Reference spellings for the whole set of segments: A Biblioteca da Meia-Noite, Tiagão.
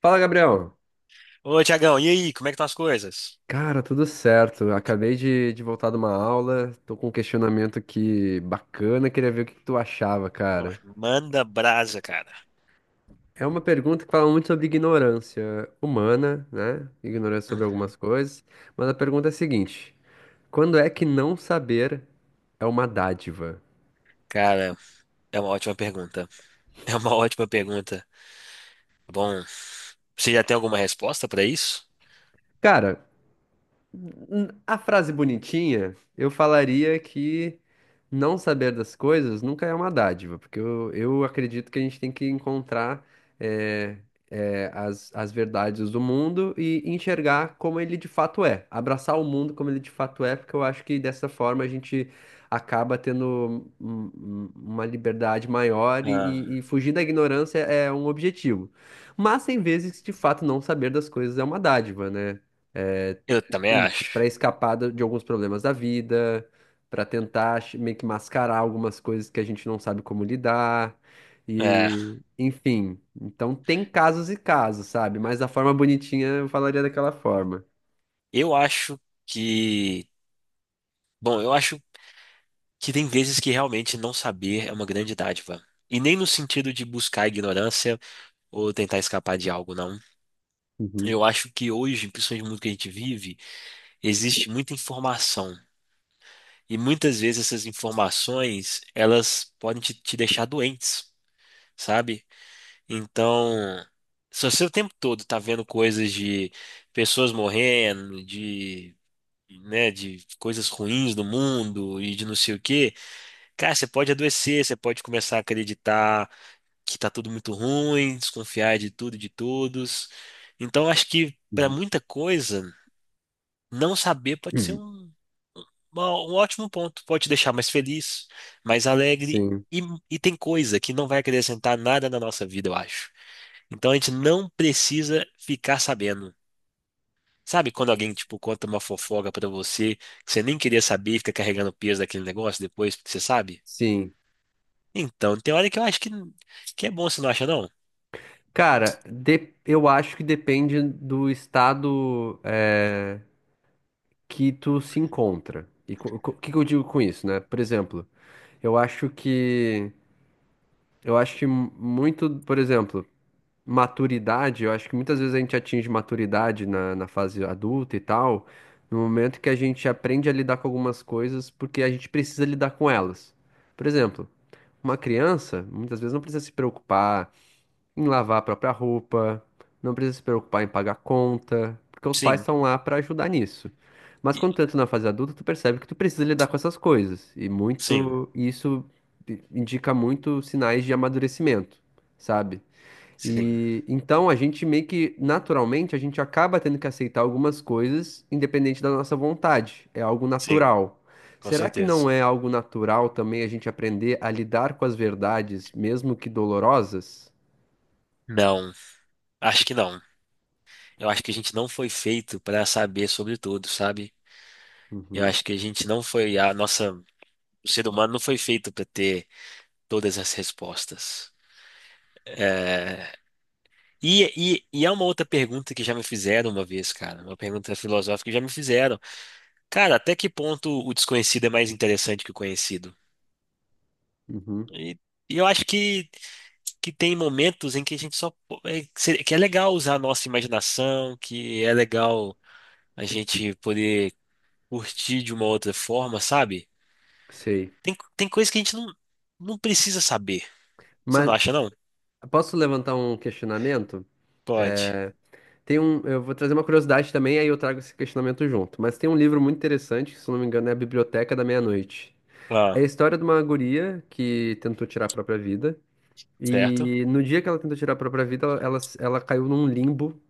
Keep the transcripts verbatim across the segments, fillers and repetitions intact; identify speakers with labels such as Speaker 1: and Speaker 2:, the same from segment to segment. Speaker 1: Fala, Gabriel.
Speaker 2: Ô, Tiagão, e aí, como é que estão as coisas?
Speaker 1: Cara, tudo certo. Acabei de, de voltar de uma aula, tô com um questionamento aqui bacana, queria ver o que que tu achava,
Speaker 2: Ó,
Speaker 1: cara.
Speaker 2: manda brasa, cara.
Speaker 1: É uma pergunta que fala muito sobre ignorância humana, né? Ignorância sobre
Speaker 2: Uhum.
Speaker 1: algumas coisas. Mas a pergunta é a seguinte: quando é que não saber é uma dádiva?
Speaker 2: Cara, é uma ótima pergunta. É uma ótima pergunta. Tá bom, você já tem alguma resposta pra isso?
Speaker 1: Cara, a frase bonitinha, eu falaria que não saber das coisas nunca é uma dádiva, porque eu, eu acredito que a gente tem que encontrar eh, eh, as, as verdades do mundo e enxergar como ele de fato é, abraçar o mundo como ele de fato é, porque eu acho que dessa forma a gente acaba tendo um- um- uma liberdade maior e, e-
Speaker 2: Ah,
Speaker 1: e fugir da ignorância é um objetivo. Mas tem vezes que de fato não saber das coisas é uma dádiva, né? Eh,
Speaker 2: eu também
Speaker 1: enfim,
Speaker 2: acho.
Speaker 1: para escapar do- de alguns problemas da vida, para tentar ch- meio que mascarar algumas coisas que a gente não sabe como lidar.
Speaker 2: É,
Speaker 1: E, enfim, então tem casos e casos, sabe? Mas da forma bonitinha eu falaria daquela forma.
Speaker 2: eu acho que. Bom, eu acho que tem vezes que realmente não saber é uma grande dádiva. E nem no sentido de buscar a ignorância ou tentar escapar de algo, não.
Speaker 1: Uhum,
Speaker 2: Eu acho que hoje, principalmente no mundo que a gente vive, existe muita informação. E muitas vezes essas informações, elas podem te, te deixar doentes, sabe? Então, se você o tempo todo tá vendo coisas de pessoas morrendo, de, né, de coisas ruins no mundo e de não sei o quê, cara, você pode adoecer, você pode começar a acreditar que tá tudo muito ruim, desconfiar de tudo e de todos. Então, acho que para
Speaker 1: uhum.
Speaker 2: muita coisa, não saber pode ser
Speaker 1: Hum,
Speaker 2: um Uma- um ótimo ponto. Pode te deixar mais feliz, mais alegre.
Speaker 1: sim,
Speaker 2: E, e tem coisa que não vai acrescentar nada na nossa vida, eu acho. Então a gente não precisa ficar sabendo. Sabe quando alguém, tipo, conta uma fofoca pra você, que você nem queria saber, fica carregando o peso daquele negócio depois, porque você sabe?
Speaker 1: sim.
Speaker 2: Então, tem hora que eu acho que, que é bom, você não acha, não?
Speaker 1: Cara, de- eu acho que depende do estado eh, que tu se encontra. E co- co- o que que eu digo com isso, né? Por exemplo, eu acho que eu acho que mu- muito, por exemplo, maturidade, eu acho que muitas vezes a gente atinge maturidade na, na fase adulta e tal, no momento que a gente aprende a lidar com algumas coisas porque a gente precisa lidar com elas. Por exemplo, uma criança muitas vezes não precisa se preocupar em lavar a própria roupa, não precisa se preocupar em pagar conta, porque os pais
Speaker 2: Sim.
Speaker 1: estão lá para ajudar nisso. Mas
Speaker 2: E-
Speaker 1: quando tu entra na fase adulta, tu percebe que tu precisa lidar com essas coisas, e
Speaker 2: Sim.
Speaker 1: muito, e isso indica muito sinais de amadurecimento, sabe?
Speaker 2: Sim.
Speaker 1: E então a gente meio que naturalmente a gente acaba tendo que aceitar algumas coisas independente da nossa vontade. É algo
Speaker 2: Sim.
Speaker 1: natural.
Speaker 2: Com
Speaker 1: Será que
Speaker 2: certeza.
Speaker 1: não é algo natural também a gente aprender a lidar com as verdades, mesmo que dolorosas?
Speaker 2: Não. Acho que não. Eu acho que a gente não foi feito pra saber sobre tudo, sabe? Eu
Speaker 1: Uhum,
Speaker 2: acho que a gente não foi, a nossa, o ser humano não foi feito para ter todas as respostas. E, e, e há uma outra pergunta que já me fizeram uma vez, cara, uma pergunta filosófica que já me fizeram. Cara, até que ponto o desconhecido é mais interessante que o conhecido?
Speaker 1: uhum,
Speaker 2: E, e eu acho que, que tem momentos em que a gente só, po- é, que se- que é legal usar a nossa imaginação, que é legal a gente poder curtir de uma outra forma, sabe?
Speaker 1: sei.
Speaker 2: Tem, tem coisas que a gente não, não precisa saber. Você
Speaker 1: Mas
Speaker 2: não acha, não?
Speaker 1: posso levantar um questionamento?
Speaker 2: Pode.
Speaker 1: É, tem um, eu vou trazer uma curiosidade também, aí eu trago esse questionamento junto. Mas tem um livro muito interessante, que, se eu não me engano, é A Biblioteca da Meia-Noite. É a
Speaker 2: Ah,
Speaker 1: história de uma guria que tentou tirar a própria vida.
Speaker 2: certo?
Speaker 1: E no dia que ela tentou tirar a própria vida, ela, ela, ela caiu num limbo.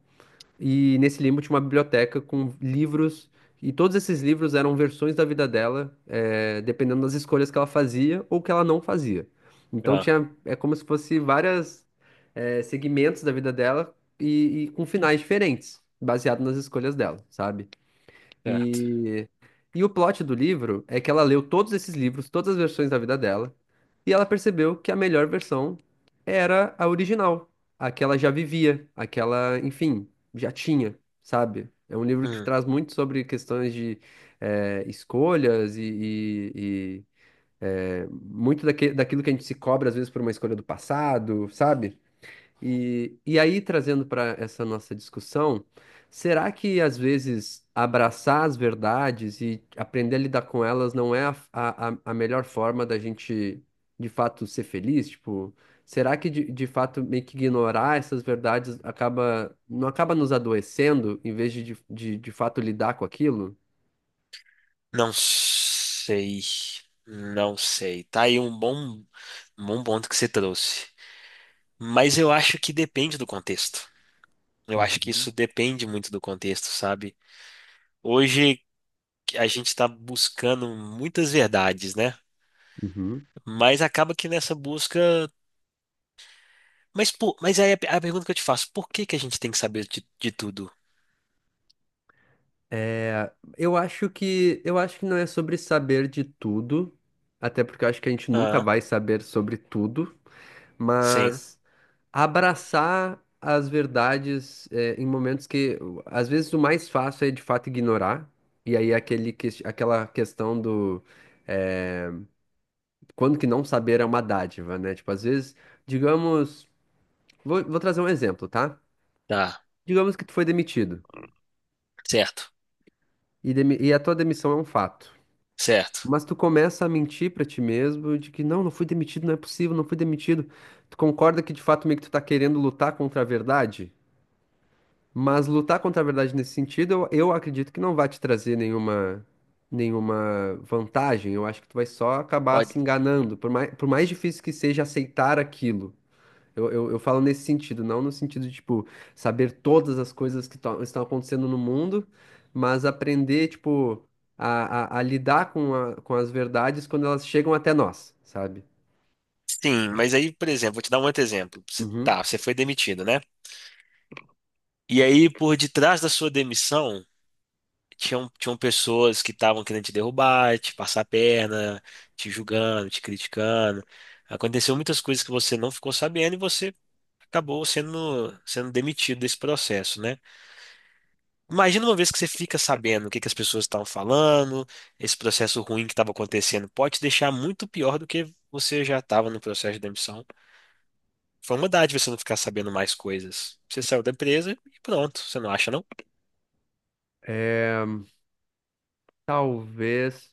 Speaker 1: E nesse limbo tinha uma biblioteca com livros. E todos esses livros eram versões da vida dela, é, dependendo das escolhas que ela fazia ou que ela não fazia. Então
Speaker 2: Ah,
Speaker 1: tinha, é como se fosse vários segmentos da vida dela e, e com finais diferentes, baseado nas escolhas dela, sabe?
Speaker 2: certo.
Speaker 1: E, e o plot do livro é que ela leu todos esses livros, todas as versões da vida dela, e ela percebeu que a melhor versão era a original, a que ela já vivia, a que ela, enfim, já tinha, sabe? É um livro que
Speaker 2: Hum,
Speaker 1: traz muito sobre questões de eh, escolhas e, e- e, eh, muito daque- daquilo que a gente se cobra às vezes por uma escolha do passado, sabe? E, e aí, trazendo para essa nossa discussão, será que às vezes abraçar as verdades e aprender a lidar com elas não é a, a, a a melhor forma da gente de fato ser feliz? Tipo, será que de, de fato meio que ignorar essas verdades acaba, não acaba nos adoecendo em vez de de, de, de fato lidar com aquilo?
Speaker 2: não sei. Não sei. Tá aí um bom, um bom ponto que você trouxe. Mas eu acho que depende do contexto. Eu acho que
Speaker 1: Uhum,
Speaker 2: isso depende muito do contexto, sabe? Hoje a gente está buscando muitas verdades, né?
Speaker 1: uhum.
Speaker 2: Mas acaba que nessa busca. Mas, por, mas aí a, a pergunta que eu te faço, por que que a gente tem que saber de, de tudo?
Speaker 1: Eu acho que eu acho que não é sobre saber de tudo, até porque eu acho que a gente nunca
Speaker 2: Ah,
Speaker 1: vai saber sobre tudo.
Speaker 2: sim.
Speaker 1: Mas abraçar as verdades é, em momentos que às vezes o mais fácil é de fato ignorar, e aí aquele que, aquela questão do é, quando que não saber é uma dádiva, né? Tipo, às vezes, digamos, vou, vou trazer um exemplo, tá?
Speaker 2: Tá,
Speaker 1: Digamos que tu foi demitido
Speaker 2: certo,
Speaker 1: e, demi- e a tua demissão é um fato.
Speaker 2: certo.
Speaker 1: Mas tu começa a mentir pra ti mesmo de que não, não fui demitido, não é possível, não fui demitido. Tu concorda que de fato meio que tu tá querendo lutar contra a verdade? Mas lutar contra a verdade nesse sentido, eu, eu acredito que não vai te trazer nenhuma, nenhuma vantagem. Eu acho que tu vai só acabar
Speaker 2: Pode.
Speaker 1: se enganando, por mais, por mais difícil que seja aceitar aquilo. Eu, eu, eu falo nesse sentido, não no sentido de, tipo, saber todas as coisas que tão- estão acontecendo no mundo, mas aprender, tipo, a, a, a lidar com, a- com as verdades quando elas chegam até nós, sabe?
Speaker 2: Sim, mas aí, por exemplo, vou te dar um outro exemplo. Você,
Speaker 1: Uhum.
Speaker 2: tá, você foi demitido, né? E aí, por detrás da sua demissão, tinham, tinham pessoas que estavam querendo te derrubar, te passar a perna, te julgando, te criticando. Aconteceu muitas coisas que você não ficou sabendo e você acabou sendo, sendo demitido desse processo, né? Imagina uma vez que você fica sabendo o que que as pessoas estavam falando, esse processo ruim que estava acontecendo, pode te deixar muito pior do que você já estava no processo de demissão. Foi uma dádiva você não ficar sabendo mais coisas. Você saiu da empresa e pronto, você não acha, não?
Speaker 1: É, talvez.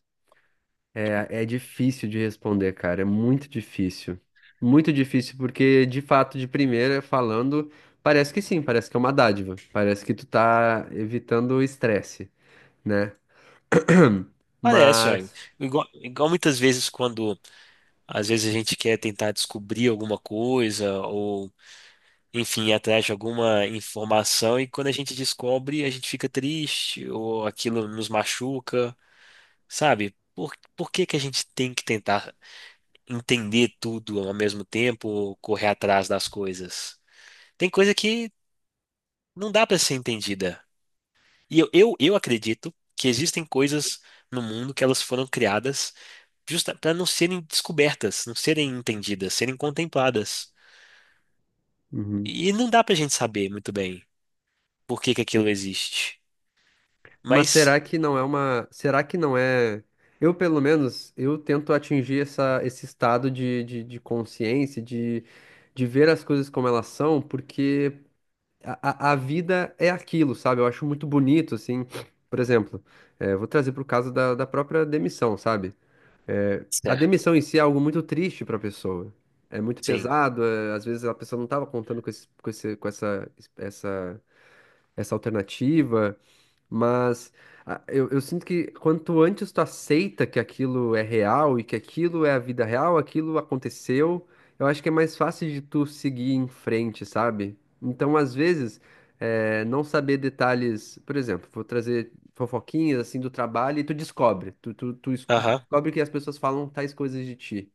Speaker 1: É, é difícil de responder, cara. É muito difícil. Muito difícil, porque de fato, de primeira falando, parece que sim, parece que é uma dádiva. Parece que tu tá evitando o estresse, né?
Speaker 2: Parece, olha.
Speaker 1: Mas.
Speaker 2: Igual, igual muitas vezes quando às vezes a gente quer tentar descobrir alguma coisa ou, enfim, ir atrás de alguma informação e quando a gente descobre, a gente fica triste ou aquilo nos machuca, sabe? Por, por que que a gente tem que tentar entender tudo ao mesmo tempo ou correr atrás das coisas? Tem coisa que não dá para ser entendida. E eu, eu, eu acredito que existem coisas no mundo que elas foram criadas justa para não serem descobertas, não serem entendidas, serem contempladas.
Speaker 1: Uhum.
Speaker 2: E não dá pra gente saber muito bem por que que aquilo existe.
Speaker 1: Mas será
Speaker 2: Mas,
Speaker 1: que não é uma. Será que não é. Eu, pelo menos, eu tento atingir essa, esse estado de, de, de consciência, de, de ver as coisas como elas são, porque. a, a a vida é aquilo, sabe? Eu acho muito bonito, assim. Por exemplo, eh, vou trazer pro caso da, da própria demissão, sabe? A
Speaker 2: certo,
Speaker 1: demissão em si é algo muito triste pra pessoa. É muito
Speaker 2: sim.
Speaker 1: pesado, é- às vezes a pessoa não estava contando com esse, com esse, com essa, essa, essa alternativa. Mas ah, eu, eu sinto que quanto antes tu aceita que aquilo é real e que aquilo é a vida real, aquilo aconteceu, eu acho que é mais fácil de tu seguir em frente, sabe? Então, às vezes, eh, não saber detalhes, por exemplo, vou trazer fofoquinhas assim do trabalho e tu descobre, tu, tu, tu escu- tu
Speaker 2: Aham,
Speaker 1: descobre que as pessoas falam tais coisas de ti.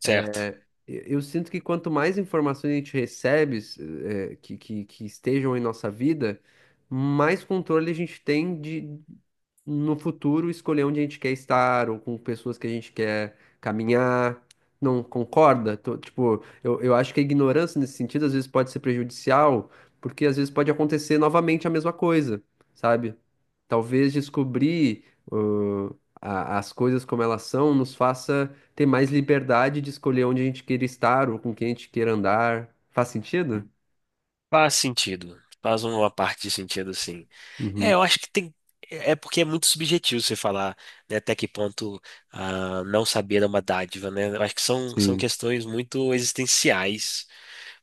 Speaker 2: certo.
Speaker 1: Eu eu sinto que quanto mais informações a gente recebe, s- eh, eh, que, que, que estejam em nossa vida, mais controle a gente tem de, no futuro, escolher onde a gente quer estar ou com pessoas que a gente quer caminhar. Não concorda? Tô- tipo, eu, eu acho que a ignorância nesse sentido às vezes pode ser prejudicial, porque às vezes pode acontecer novamente a mesma coisa, sabe? Talvez descobrir, ãh, a- as coisas como elas são nos faça ter mais liberdade de escolher onde a gente queira estar ou com quem a gente queira andar. Faz sentido?
Speaker 2: Faz sentido. Faz uma parte de sentido, sim. É,
Speaker 1: Uhum,
Speaker 2: eu acho que tem. É porque é muito subjetivo você falar, né, até que ponto ah, não saber é uma dádiva, né? Eu acho que são, são
Speaker 1: sim.
Speaker 2: questões muito existenciais.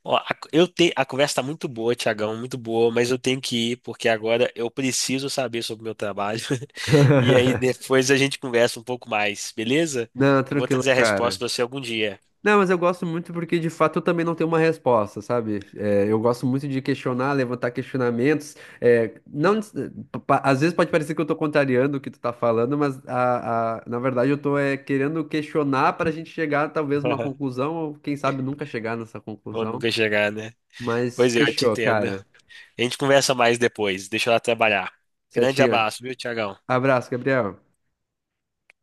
Speaker 2: Ó, a, eu te, a conversa tá muito boa, Tiagão, muito boa, mas eu tenho que ir porque agora eu preciso saber sobre o meu trabalho. E aí depois a gente conversa um pouco mais, beleza?
Speaker 1: Não,
Speaker 2: Eu vou
Speaker 1: tranquilo,
Speaker 2: trazer a resposta
Speaker 1: cara.
Speaker 2: para você algum dia.
Speaker 1: Não, mas eu gosto muito porque de fato eu também não tenho uma resposta, sabe? É, eu gosto muito de questionar, levantar questionamentos. É, não, pa- às vezes pode parecer que eu tô contrariando o que tu tá falando, mas a, a- na verdade eu tô é, querendo questionar para a gente chegar talvez uma conclusão, ou quem sabe nunca chegar nessa
Speaker 2: Ou
Speaker 1: conclusão.
Speaker 2: nunca chegar, né?
Speaker 1: Mas
Speaker 2: Pois é, eu te
Speaker 1: fechou,
Speaker 2: entendo.
Speaker 1: cara.
Speaker 2: A gente conversa mais depois. Deixa eu lá trabalhar. Grande
Speaker 1: Certinho.
Speaker 2: abraço, viu, Tiagão?
Speaker 1: Abraço, Gabriel.